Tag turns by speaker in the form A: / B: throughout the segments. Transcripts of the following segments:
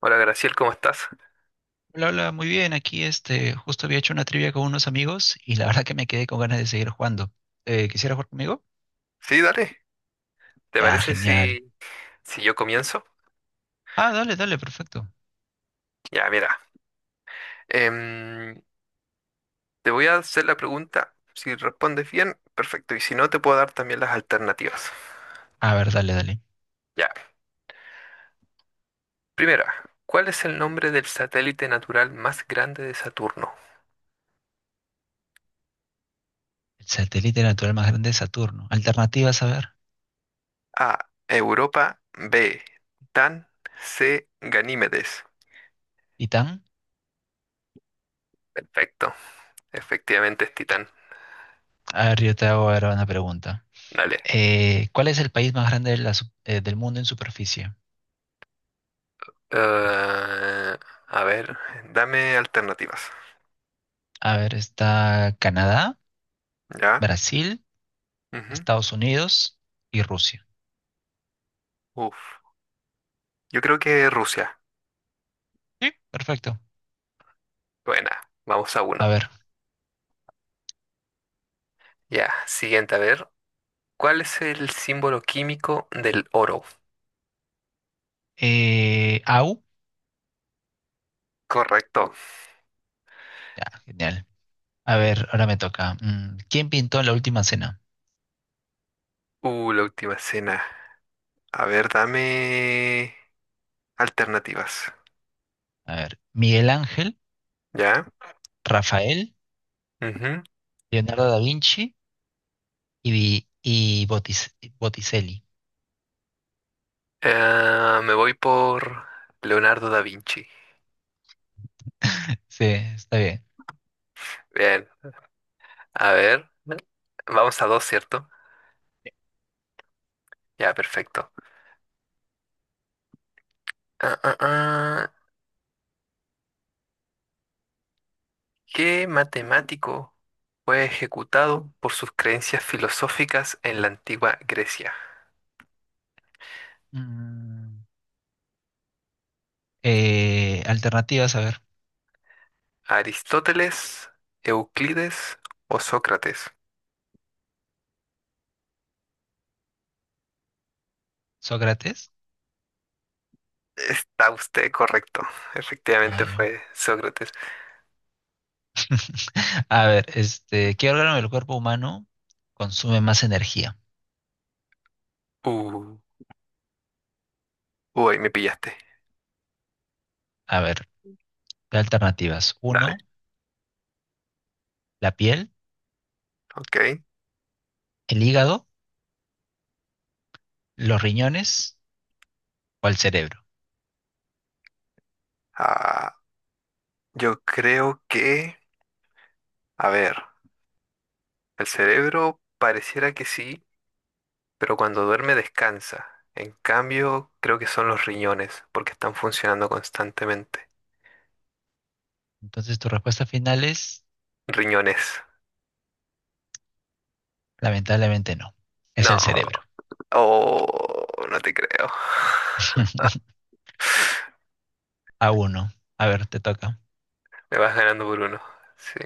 A: Hola Graciel, ¿cómo estás?
B: Hola, hola, muy bien. Aquí justo había hecho una trivia con unos amigos y la verdad que me quedé con ganas de seguir jugando. ¿Quisiera jugar conmigo?
A: Sí, dale. ¿Te
B: Ya,
A: parece
B: genial.
A: si yo comienzo?
B: Ah, dale, dale, perfecto.
A: Ya, mira. em, Te voy a hacer la pregunta. Si respondes bien, perfecto. Y si no, te puedo dar también las alternativas.
B: A ver, dale, dale.
A: Ya. Primera, ¿cuál es el nombre del satélite natural más grande de Saturno?
B: El satélite natural más grande es Saturno. Alternativas, a ver.
A: A. Europa. B. Titán. C. Ganímedes.
B: ¿Titán?
A: Perfecto. Efectivamente es Titán.
B: A ver, yo te hago ahora una pregunta.
A: Dale.
B: ¿Cuál es el país más grande de del mundo en superficie?
A: Eh, a ver, dame alternativas.
B: A ver, está Canadá,
A: ¿Ya?
B: Brasil,
A: Ujú.
B: Estados Unidos y Rusia.
A: Uf. Yo creo que Rusia.
B: Sí, perfecto.
A: Buena, vamos a
B: A
A: uno.
B: ver,
A: Ya, siguiente, a ver. ¿Cuál es el símbolo químico del oro?
B: AU.
A: Correcto.
B: Ya, genial. A ver, ahora me toca. ¿Quién pintó La Última Cena?
A: La última cena. A ver, dame alternativas.
B: A ver, Miguel Ángel,
A: ¿Ya?
B: Rafael,
A: Ujú.
B: Leonardo da Vinci y Botticelli.
A: Ah, me voy por Leonardo da Vinci.
B: Sí, está bien.
A: Bien, a ver. Vamos a dos, ¿cierto? Ya, perfecto. Ah, ah, ah. ¿Qué matemático fue ejecutado por sus creencias filosóficas en la antigua Grecia?
B: Mm, Alternativas, a ver.
A: ¿Aristóteles, Euclides o Sócrates?
B: Sócrates.
A: Está usted correcto.
B: Ah,
A: Efectivamente
B: ya.
A: fue Sócrates.
B: A ver, ¿qué órgano del cuerpo humano consume más energía?
A: Uh, Uy, me pillaste.
B: A ver, ¿qué alternativas?
A: Dale,
B: Uno, la piel,
A: ok.
B: el hígado, los riñones o el cerebro.
A: Ah, yo creo que, a ver, el cerebro pareciera que sí, pero cuando duerme descansa. En cambio, creo que son los riñones, porque están funcionando constantemente.
B: Entonces, tu respuesta final es.
A: Riñones.
B: Lamentablemente no. Es
A: No,
B: el cerebro.
A: oh, no te creo.
B: A uno. A ver, te toca.
A: Me vas ganando por uno. Sí.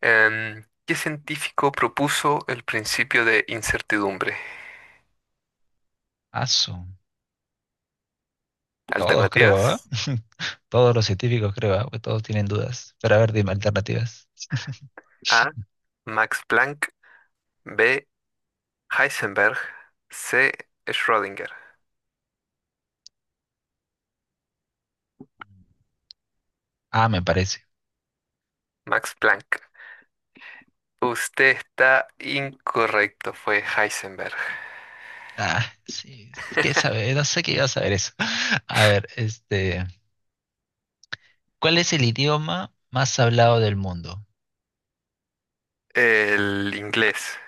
A: ¿Qué científico propuso el principio de incertidumbre?
B: Asu. Todos creo,
A: Alternativas:
B: ¿ah? Todos los científicos creo, ¿ah? Pues todos tienen dudas. Pero a ver, dime alternativas.
A: A. Max Planck, B. Heisenberg, C. Schrödinger.
B: Ah, me parece.
A: Max Planck. Usted está incorrecto, fue Heisenberg.
B: Ah, sí. ¿Qué sabe? No sé qué iba a saber eso. A ver, este. ¿Cuál es el idioma más hablado del mundo?
A: El inglés.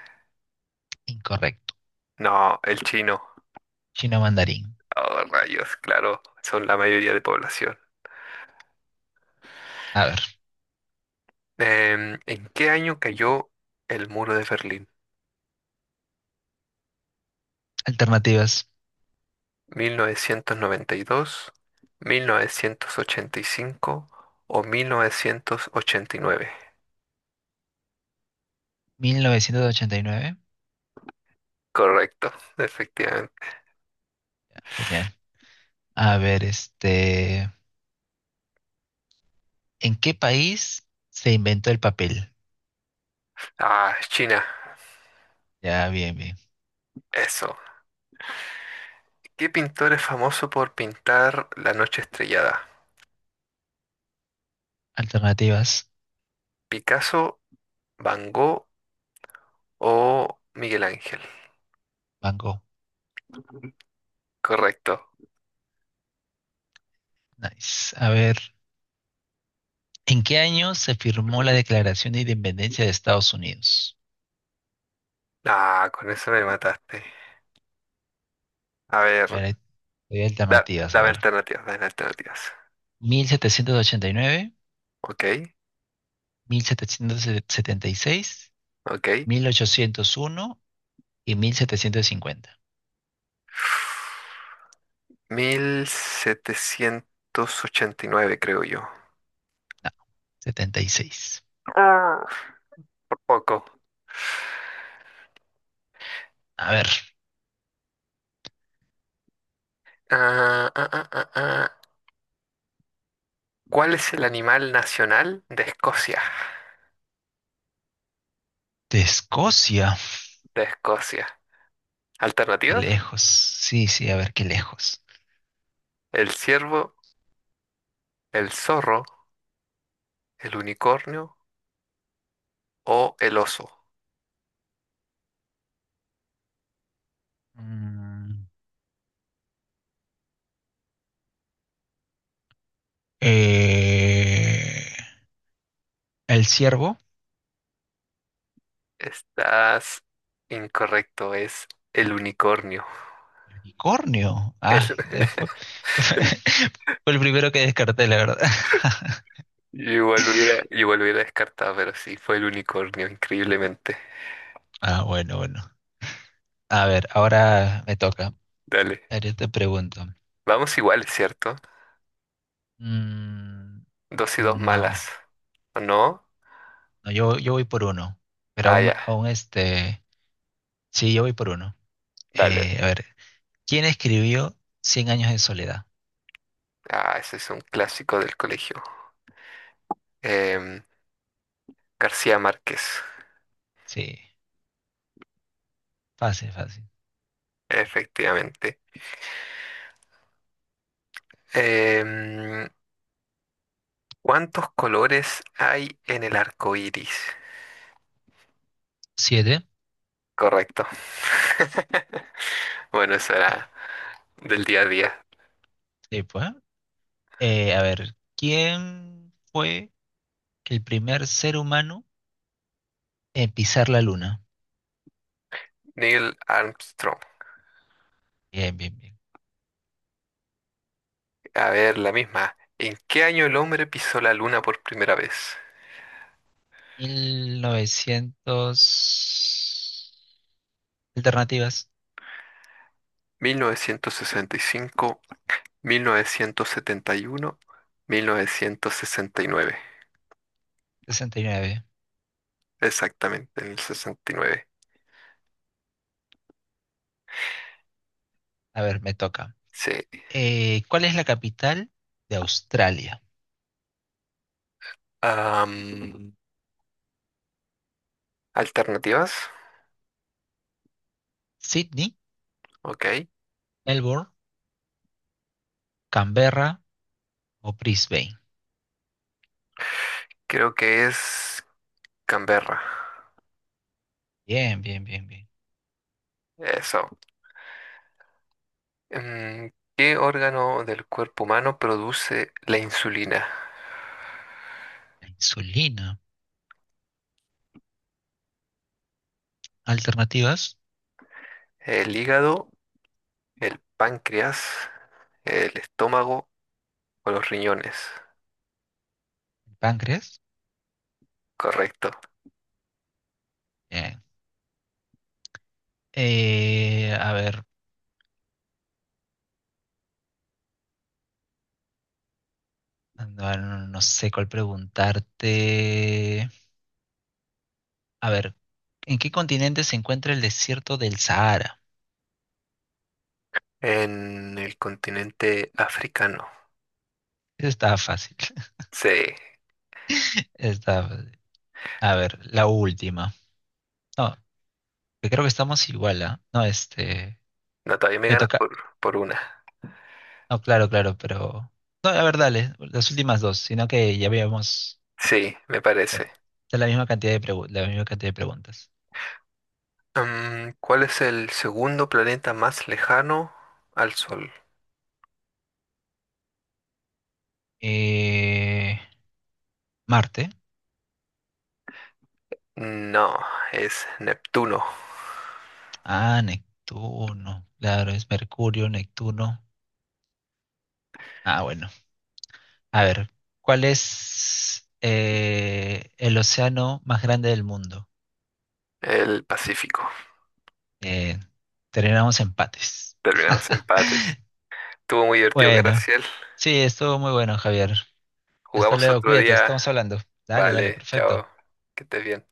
B: Incorrecto.
A: No, el chino.
B: Chino mandarín.
A: Oh, rayos, claro, son la mayoría de población.
B: A ver,
A: ¿En qué año cayó el muro de Berlín?
B: alternativas.
A: 1992, 1985 o 1989.
B: 1989.
A: Correcto, efectivamente.
B: Ah, genial. A ver, este. ¿En qué país se inventó el papel?
A: Ah, China,
B: Ya, bien, bien.
A: eso. ¿Qué pintor es famoso por pintar La noche estrellada?
B: Alternativas.
A: ¿Picasso, Van Gogh o Miguel Ángel?
B: Van Gogh.
A: Correcto.
B: Nice. A ver, ¿en qué año se firmó la Declaración de Independencia de Estados Unidos?
A: Ah, con eso me mataste. A
B: A
A: ver,
B: ver, hay alternativas. A
A: dame
B: ver,
A: alternativas, dame alternativas.
B: 1789,
A: Ok,
B: 1776,
A: ok.
B: 1801 y 1750.
A: 1789, creo yo.
B: No, 76.
A: Ah, poco.
B: A ver,
A: Ah, ah, ah, ah, ah. ¿Cuál es el animal nacional de Escocia?
B: de Escocia.
A: De Escocia.
B: Qué
A: ¿Alternativas?
B: lejos. Sí, sí, a ver, qué lejos.
A: ¿El ciervo, el zorro, el unicornio o el oso?
B: Mm, eh, El ciervo,
A: Estás incorrecto, es el unicornio.
B: el unicornio.
A: El-
B: Fue,
A: el-
B: fue el primero que descarté, la verdad.
A: yo igual lo hubiera descartado, pero sí, fue el unicornio, increíblemente.
B: Ah, bueno, bueno. A ver, ahora me toca. A
A: Dale.
B: ver, yo te pregunto.
A: Vamos iguales, ¿cierto?
B: Mm,
A: Dos y dos malas.
B: no,
A: ¿O no?
B: no, yo voy por uno. Pero
A: Ah, ya.
B: aún este. Sí, yo voy por uno.
A: Dale.
B: A ver, ¿quién escribió Cien años de soledad?
A: Ah, ese es un clásico del colegio. Em, García Márquez,
B: Sí, fácil, fácil.
A: efectivamente. Em, ¿Cuántos colores hay en el arco iris?
B: Siete.
A: Correcto. Bueno, eso era del día a día.
B: Sí, pues. A ver, ¿quién fue el primer ser humano? Pisar la luna.
A: Neil Armstrong.
B: Bien, bien, bien.
A: A ver, la misma. ¿En qué año el hombre pisó la luna por primera vez?
B: 1900... Alternativas.
A: 1965. Mil novecientos setenta y uno. 1969.
B: 69.
A: Exactamente, en el 69.
B: A ver, me toca.
A: Sí.
B: ¿Cuál es la capital de Australia?
A: Am, Alternativas.
B: ¿Sydney,
A: Ok.
B: Melbourne, Canberra o Brisbane?
A: Creo que es Canberra.
B: Bien, bien, bien, bien.
A: Eso. ¿Qué órgano del cuerpo humano produce la insulina?
B: La insulina. Alternativas.
A: ¿El hígado, el páncreas, el estómago o los riñones?
B: ¿El páncreas?
A: Correcto.
B: Bien. A ver, no, no sé cuál preguntarte. A ver, ¿en qué continente se encuentra el desierto del Sahara?
A: En el continente africano.
B: Está fácil.
A: Sí.
B: Está fácil. A ver, la última. No, que creo que estamos igual, ¿ah? No, este.
A: No, todavía me
B: Me
A: ganas
B: toca.
A: por, una.
B: No, claro, claro, pero. No, a ver, dale, las últimas dos, sino que ya habíamos.
A: Sí, me parece.
B: eh, Es la misma cantidad la misma cantidad de preguntas.
A: ¿Cuál es el segundo planeta más lejano al Sol?
B: Eh, Marte.
A: No, es Neptuno,
B: Ah, Neptuno. Claro, es Mercurio, Neptuno. Ah, bueno. A ver, ¿cuál es el océano más grande del mundo?
A: el Pacífico.
B: Eh, terminamos empates.
A: Terminamos empates. Estuvo muy divertido,
B: Bueno,
A: Graciel.
B: sí, estuvo muy bueno, Javier. Hasta
A: Jugamos
B: luego,
A: otro
B: cuídate,
A: día.
B: estamos hablando. Dale, dale,
A: Vale,
B: perfecto.
A: chao. Que estés bien.